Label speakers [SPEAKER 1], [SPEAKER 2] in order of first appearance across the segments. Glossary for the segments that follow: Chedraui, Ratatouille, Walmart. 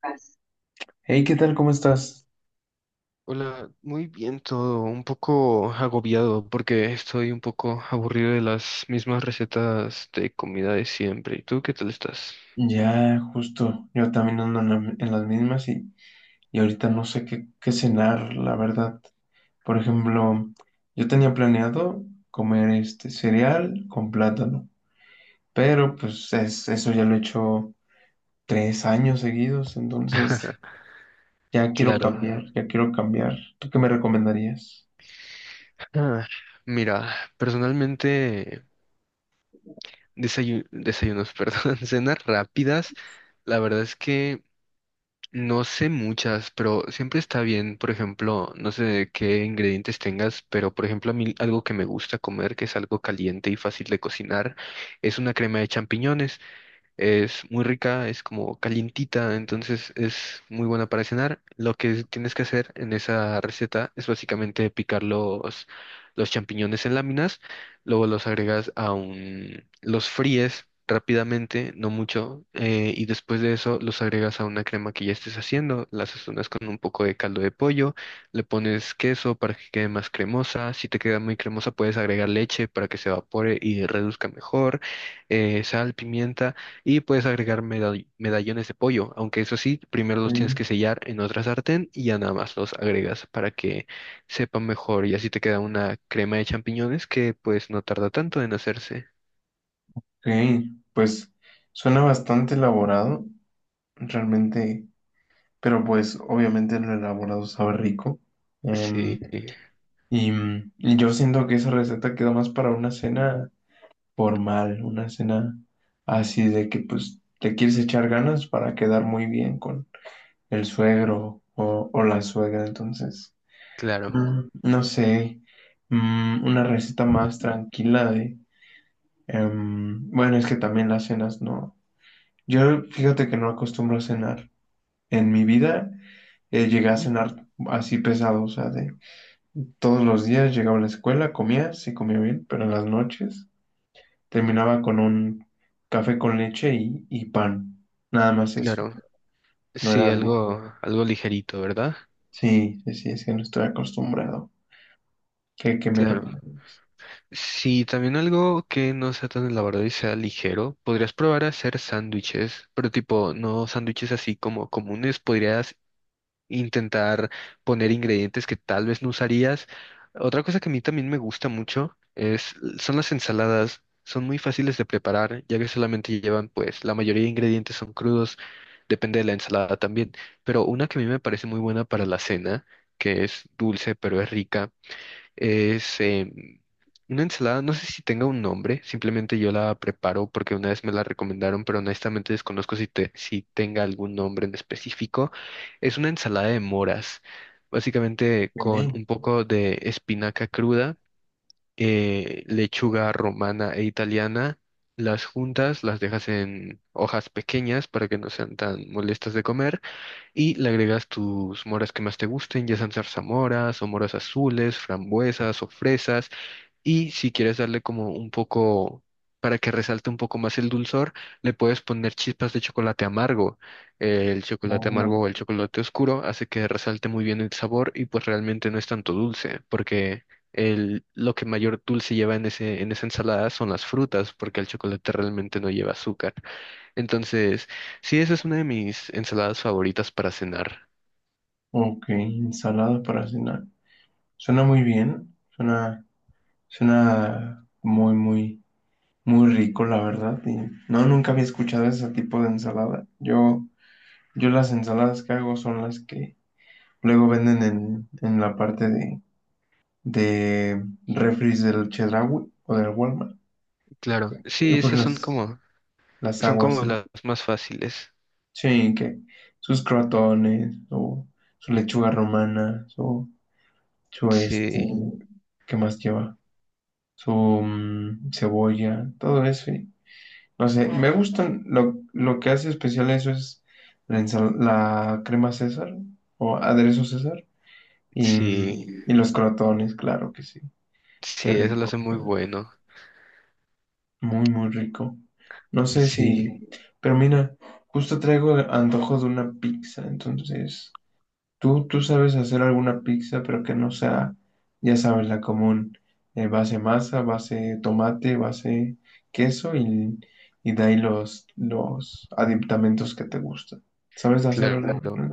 [SPEAKER 1] Paz. Hey, ¿qué tal? ¿Cómo estás?
[SPEAKER 2] Hola, muy bien todo, un poco agobiado porque estoy un poco aburrido de las mismas recetas de comida de siempre. ¿Y tú qué tal estás?
[SPEAKER 1] Ya, justo, yo también ando en las mismas y ahorita no sé qué cenar, la verdad. Por ejemplo, yo tenía planeado comer este cereal con plátano, pero eso ya lo he hecho tres años seguidos, entonces ya quiero
[SPEAKER 2] Claro.
[SPEAKER 1] cambiar, ya quiero cambiar. ¿Tú qué me recomendarías?
[SPEAKER 2] Ah, mira, personalmente desayunos, perdón, cenas rápidas, la verdad es que no sé muchas, pero siempre está bien, por ejemplo, no sé qué ingredientes tengas, pero por ejemplo a mí algo que me gusta comer, que es algo caliente y fácil de cocinar, es una crema de champiñones. Es muy rica, es como calientita, entonces es muy buena para cenar. Lo que tienes que hacer en esa receta es básicamente picar los champiñones en láminas, luego los agregas a un, los fríes rápidamente, no mucho, y después de eso los agregas a una crema que ya estés haciendo, las sazonas con un poco de caldo de pollo, le pones queso para que quede más cremosa, si te queda muy cremosa puedes agregar leche para que se evapore y reduzca mejor, sal, pimienta y puedes agregar medallones de pollo, aunque eso sí, primero los tienes que
[SPEAKER 1] Mm.
[SPEAKER 2] sellar en otra sartén y ya nada más los agregas para que sepan mejor y así te queda una crema de champiñones que pues no tarda tanto en hacerse.
[SPEAKER 1] Ok, pues suena bastante elaborado, realmente. Pero pues obviamente lo elaborado sabe rico. Em,
[SPEAKER 2] Sí,
[SPEAKER 1] y, y yo siento que esa receta queda más para una cena formal, una cena así de que pues te quieres echar ganas para quedar muy bien con el suegro o la suegra. Entonces,
[SPEAKER 2] claro.
[SPEAKER 1] no sé, una receta más tranquila de bueno, es que también las cenas no. Yo fíjate que no acostumbro a cenar. En mi vida llegué a
[SPEAKER 2] Ujú.
[SPEAKER 1] cenar así pesado, o sea, de todos los días llegaba a la escuela, comía, sí comía bien, pero en las noches terminaba con un café con leche y pan. Nada más eso.
[SPEAKER 2] Claro.
[SPEAKER 1] No
[SPEAKER 2] Sí,
[SPEAKER 1] era algo.
[SPEAKER 2] algo, algo ligerito, ¿verdad?
[SPEAKER 1] Sí, sí, sí, es que no estoy acostumbrado. Qué me
[SPEAKER 2] Claro.
[SPEAKER 1] recomiendas?
[SPEAKER 2] Sí, también algo que no sea tan elaborado y sea ligero, podrías probar a hacer sándwiches, pero tipo, no sándwiches así como comunes, podrías intentar poner ingredientes que tal vez no usarías. Otra cosa que a mí también me gusta mucho es, son las ensaladas. Son muy fáciles de preparar, ya que solamente llevan, pues, la mayoría de ingredientes son crudos, depende de la ensalada también. Pero una que a mí me parece muy buena para la cena, que es dulce pero es rica, es una ensalada, no sé si tenga un nombre, simplemente yo la preparo porque una vez me la recomendaron, pero honestamente desconozco si, si tenga algún nombre en específico. Es una ensalada de moras, básicamente con
[SPEAKER 1] Ok,
[SPEAKER 2] un poco de espinaca cruda, lechuga romana e italiana. Las juntas las dejas en hojas pequeñas para que no sean tan molestas de comer y le agregas tus moras que más te gusten, ya sean zarzamoras o moras azules, frambuesas o fresas. Y si quieres darle como un poco, para que resalte un poco más el dulzor, le puedes poner chispas de chocolate amargo. El chocolate
[SPEAKER 1] oh,
[SPEAKER 2] amargo o el chocolate oscuro hace que resalte muy bien el sabor y pues realmente no es tanto dulce, porque lo que mayor dulce lleva en en esa ensalada son las frutas, porque el chocolate realmente no lleva azúcar. Entonces, sí, esa es una de mis ensaladas favoritas para cenar.
[SPEAKER 1] ok, ensalada para cenar. Suena muy bien. Suena, suena muy, muy, muy rico, la verdad. Y no, nunca había escuchado ese tipo de ensalada. Yo las ensaladas que hago son las que luego venden en la parte de refris del Chedraui o del Walmart.
[SPEAKER 2] Claro,
[SPEAKER 1] Y
[SPEAKER 2] sí,
[SPEAKER 1] pues las
[SPEAKER 2] son
[SPEAKER 1] aguas,
[SPEAKER 2] como
[SPEAKER 1] ¿no?
[SPEAKER 2] las más fáciles.
[SPEAKER 1] Sí, que sus crotones o su lechuga romana, su este,
[SPEAKER 2] Sí,
[SPEAKER 1] ¿qué más lleva? Su cebolla, todo eso. Y no sé, me gustan, lo que hace especial eso es la crema César o aderezo César y,
[SPEAKER 2] sí,
[SPEAKER 1] y los crotones, claro que sí, qué
[SPEAKER 2] sí, eso lo
[SPEAKER 1] rico.
[SPEAKER 2] hace muy bueno.
[SPEAKER 1] Muy, muy rico. No sé
[SPEAKER 2] Sí,
[SPEAKER 1] si, pero mira, justo traigo antojo de una pizza, entonces, tú sabes hacer alguna pizza, pero que no sea, ya sabes, la común, base masa, base tomate, base queso y de ahí los aditamentos que te gustan. ¿Sabes hacer alguna?
[SPEAKER 2] claro.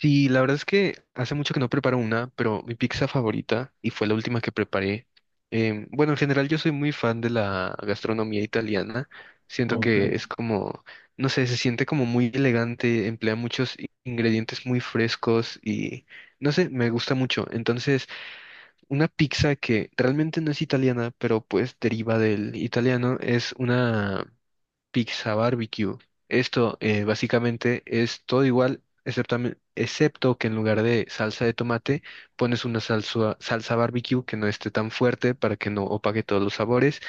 [SPEAKER 2] Sí, la verdad es que hace mucho que no preparo una, pero mi pizza favorita, y fue la última que preparé. Bueno, en general yo soy muy fan de la gastronomía italiana. Siento
[SPEAKER 1] Ok,
[SPEAKER 2] que es como, no sé, se siente como muy elegante, emplea muchos ingredientes muy frescos y, no sé, me gusta mucho. Entonces, una pizza que realmente no es italiana, pero pues deriva del italiano, es una pizza barbecue. Esto básicamente es todo igual, excepto, excepto que en lugar de salsa de tomate pones una salsa, salsa barbecue que no esté tan fuerte para que no opaque todos los sabores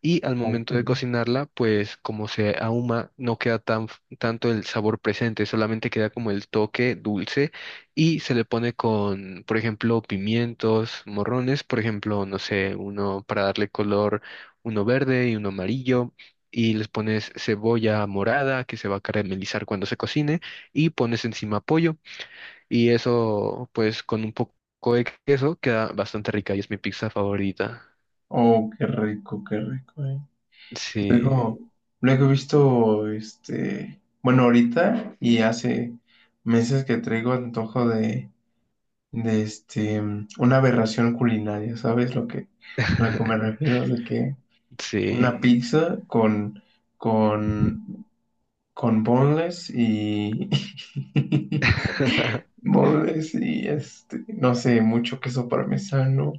[SPEAKER 2] y al
[SPEAKER 1] ok.
[SPEAKER 2] momento de cocinarla, pues como se ahuma, no queda tan tanto el sabor presente, solamente queda como el toque dulce y se le pone con, por ejemplo, pimientos, morrones, por ejemplo, no sé, uno para darle color, uno verde y uno amarillo. Y les pones cebolla morada que se va a caramelizar cuando se cocine y pones encima pollo y eso pues con un poco de queso queda bastante rica y es mi pizza favorita.
[SPEAKER 1] Oh, qué rico, eh.
[SPEAKER 2] Sí.
[SPEAKER 1] Luego, luego he visto, este, bueno, ahorita y hace meses que traigo antojo de este, una aberración culinaria, ¿sabes lo que me refiero? De que
[SPEAKER 2] Sí.
[SPEAKER 1] una pizza con, con boneless y, boneless y este, no sé, mucho queso parmesano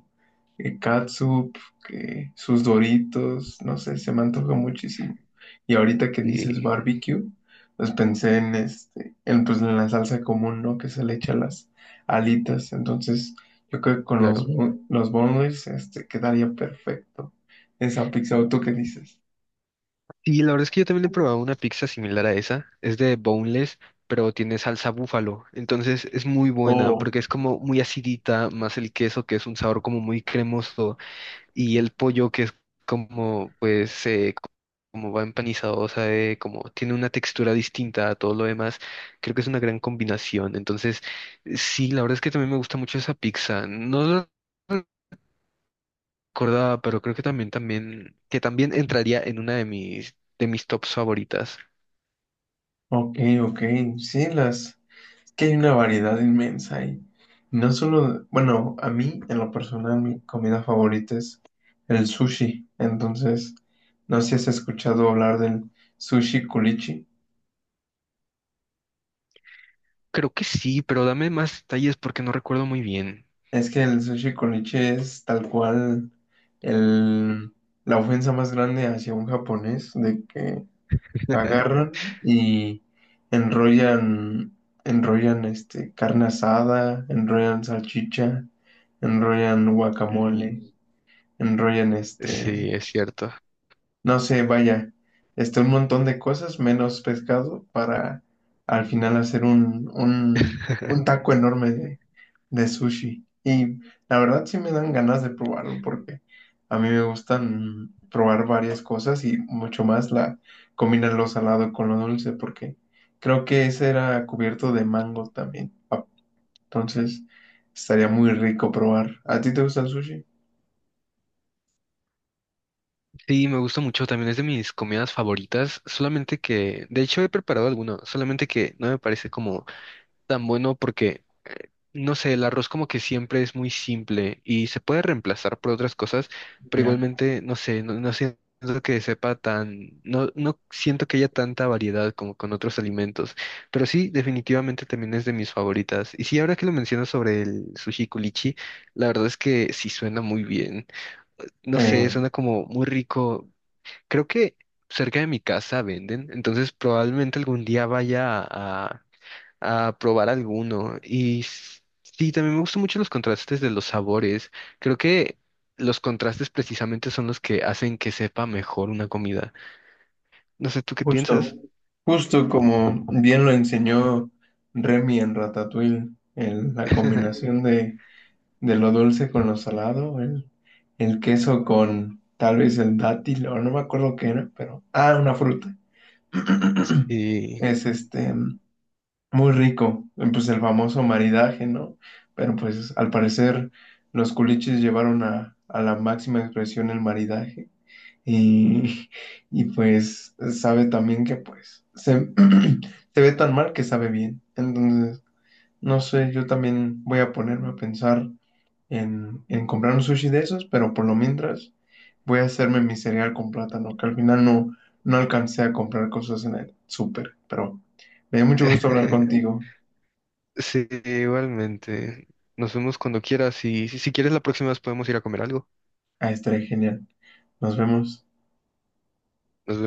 [SPEAKER 1] que catsup, que sus Doritos, no sé, se me antoja muchísimo. Y ahorita que dices
[SPEAKER 2] Sí,
[SPEAKER 1] barbecue, pues pensé en este, en pues en la salsa común, ¿no? Que se le echa a las alitas. Entonces, yo creo que con
[SPEAKER 2] claro.
[SPEAKER 1] los boneless, este, quedaría perfecto esa pizza. ¿O tú qué dices?
[SPEAKER 2] Sí, la verdad es que yo también he probado una pizza similar a esa. Es de boneless, pero tiene salsa búfalo. Entonces es muy buena
[SPEAKER 1] Oh,
[SPEAKER 2] porque es como muy acidita, más el queso que es un sabor como muy cremoso y el pollo que es como pues como va empanizado, o sea, como tiene una textura distinta a todo lo demás. Creo que es una gran combinación. Entonces, sí, la verdad es que también me gusta mucho esa pizza. No no, acordaba, pero creo que también, también, que también entraría en una de mis tops favoritas.
[SPEAKER 1] ok, ok. Sí, las, que hay una variedad inmensa y no solo, bueno, a mí en lo personal mi comida favorita es el sushi, entonces no sé si has escuchado hablar del sushi culichi,
[SPEAKER 2] Creo que sí, pero dame más detalles porque no recuerdo muy bien.
[SPEAKER 1] es que el sushi culichi es tal cual el, la ofensa más grande hacia un japonés de que agarran y enrollan, enrollan este, carne asada, enrollan salchicha, enrollan guacamole,
[SPEAKER 2] Mm.
[SPEAKER 1] enrollan este,
[SPEAKER 2] Sí, es cierto.
[SPEAKER 1] no sé, vaya, este, un montón de cosas, menos pescado, para al final hacer un taco enorme de sushi. Y la verdad sí me dan ganas de probarlo porque a mí me gustan probar varias cosas y mucho más la combinar lo salado con lo dulce porque creo que ese era cubierto de mango también. Ah, entonces estaría muy rico probar. ¿A ti te gusta el sushi?
[SPEAKER 2] Sí, me gusta mucho, también es de mis comidas favoritas, solamente que, de hecho he preparado alguno, solamente que no me parece como tan bueno porque no sé, el arroz como que siempre es muy simple y se puede reemplazar por otras cosas, pero
[SPEAKER 1] Ya.
[SPEAKER 2] igualmente, no sé, no, no siento que sepa tan, no, no siento que haya tanta variedad como con otros alimentos, pero sí, definitivamente también es de mis favoritas. Y sí, ahora que lo mencionas sobre el sushi culichi, la verdad es que sí suena muy bien. No sé,
[SPEAKER 1] Eh,
[SPEAKER 2] suena como muy rico. Creo que cerca de mi casa venden, entonces probablemente algún día vaya a probar alguno. Y sí, también me gustan mucho los contrastes de los sabores. Creo que los contrastes precisamente son los que hacen que sepa mejor una comida. No sé, ¿tú qué
[SPEAKER 1] justo.
[SPEAKER 2] piensas?
[SPEAKER 1] Justo como bien lo enseñó Remy en Ratatouille, la combinación de lo dulce con lo salado, el queso con tal vez el dátil, o no me acuerdo qué era, pero... Ah, una fruta.
[SPEAKER 2] Y
[SPEAKER 1] Es este, muy rico, pues el famoso maridaje, ¿no? Pero pues al parecer los culichis llevaron a la máxima expresión el maridaje. Y, y pues sabe también que pues se, se ve tan mal que sabe bien. Entonces, no sé, yo también voy a ponerme a pensar en comprar un sushi de esos, pero por lo mientras voy a hacerme mi cereal con plátano, que al final no alcancé a comprar cosas en el súper. Pero me dio mucho gusto hablar contigo.
[SPEAKER 2] sí, igualmente. Nos vemos cuando quieras y si quieres la próxima vez podemos ir a comer algo.
[SPEAKER 1] Ah, estaré genial. Nos vemos.
[SPEAKER 2] Nos vemos.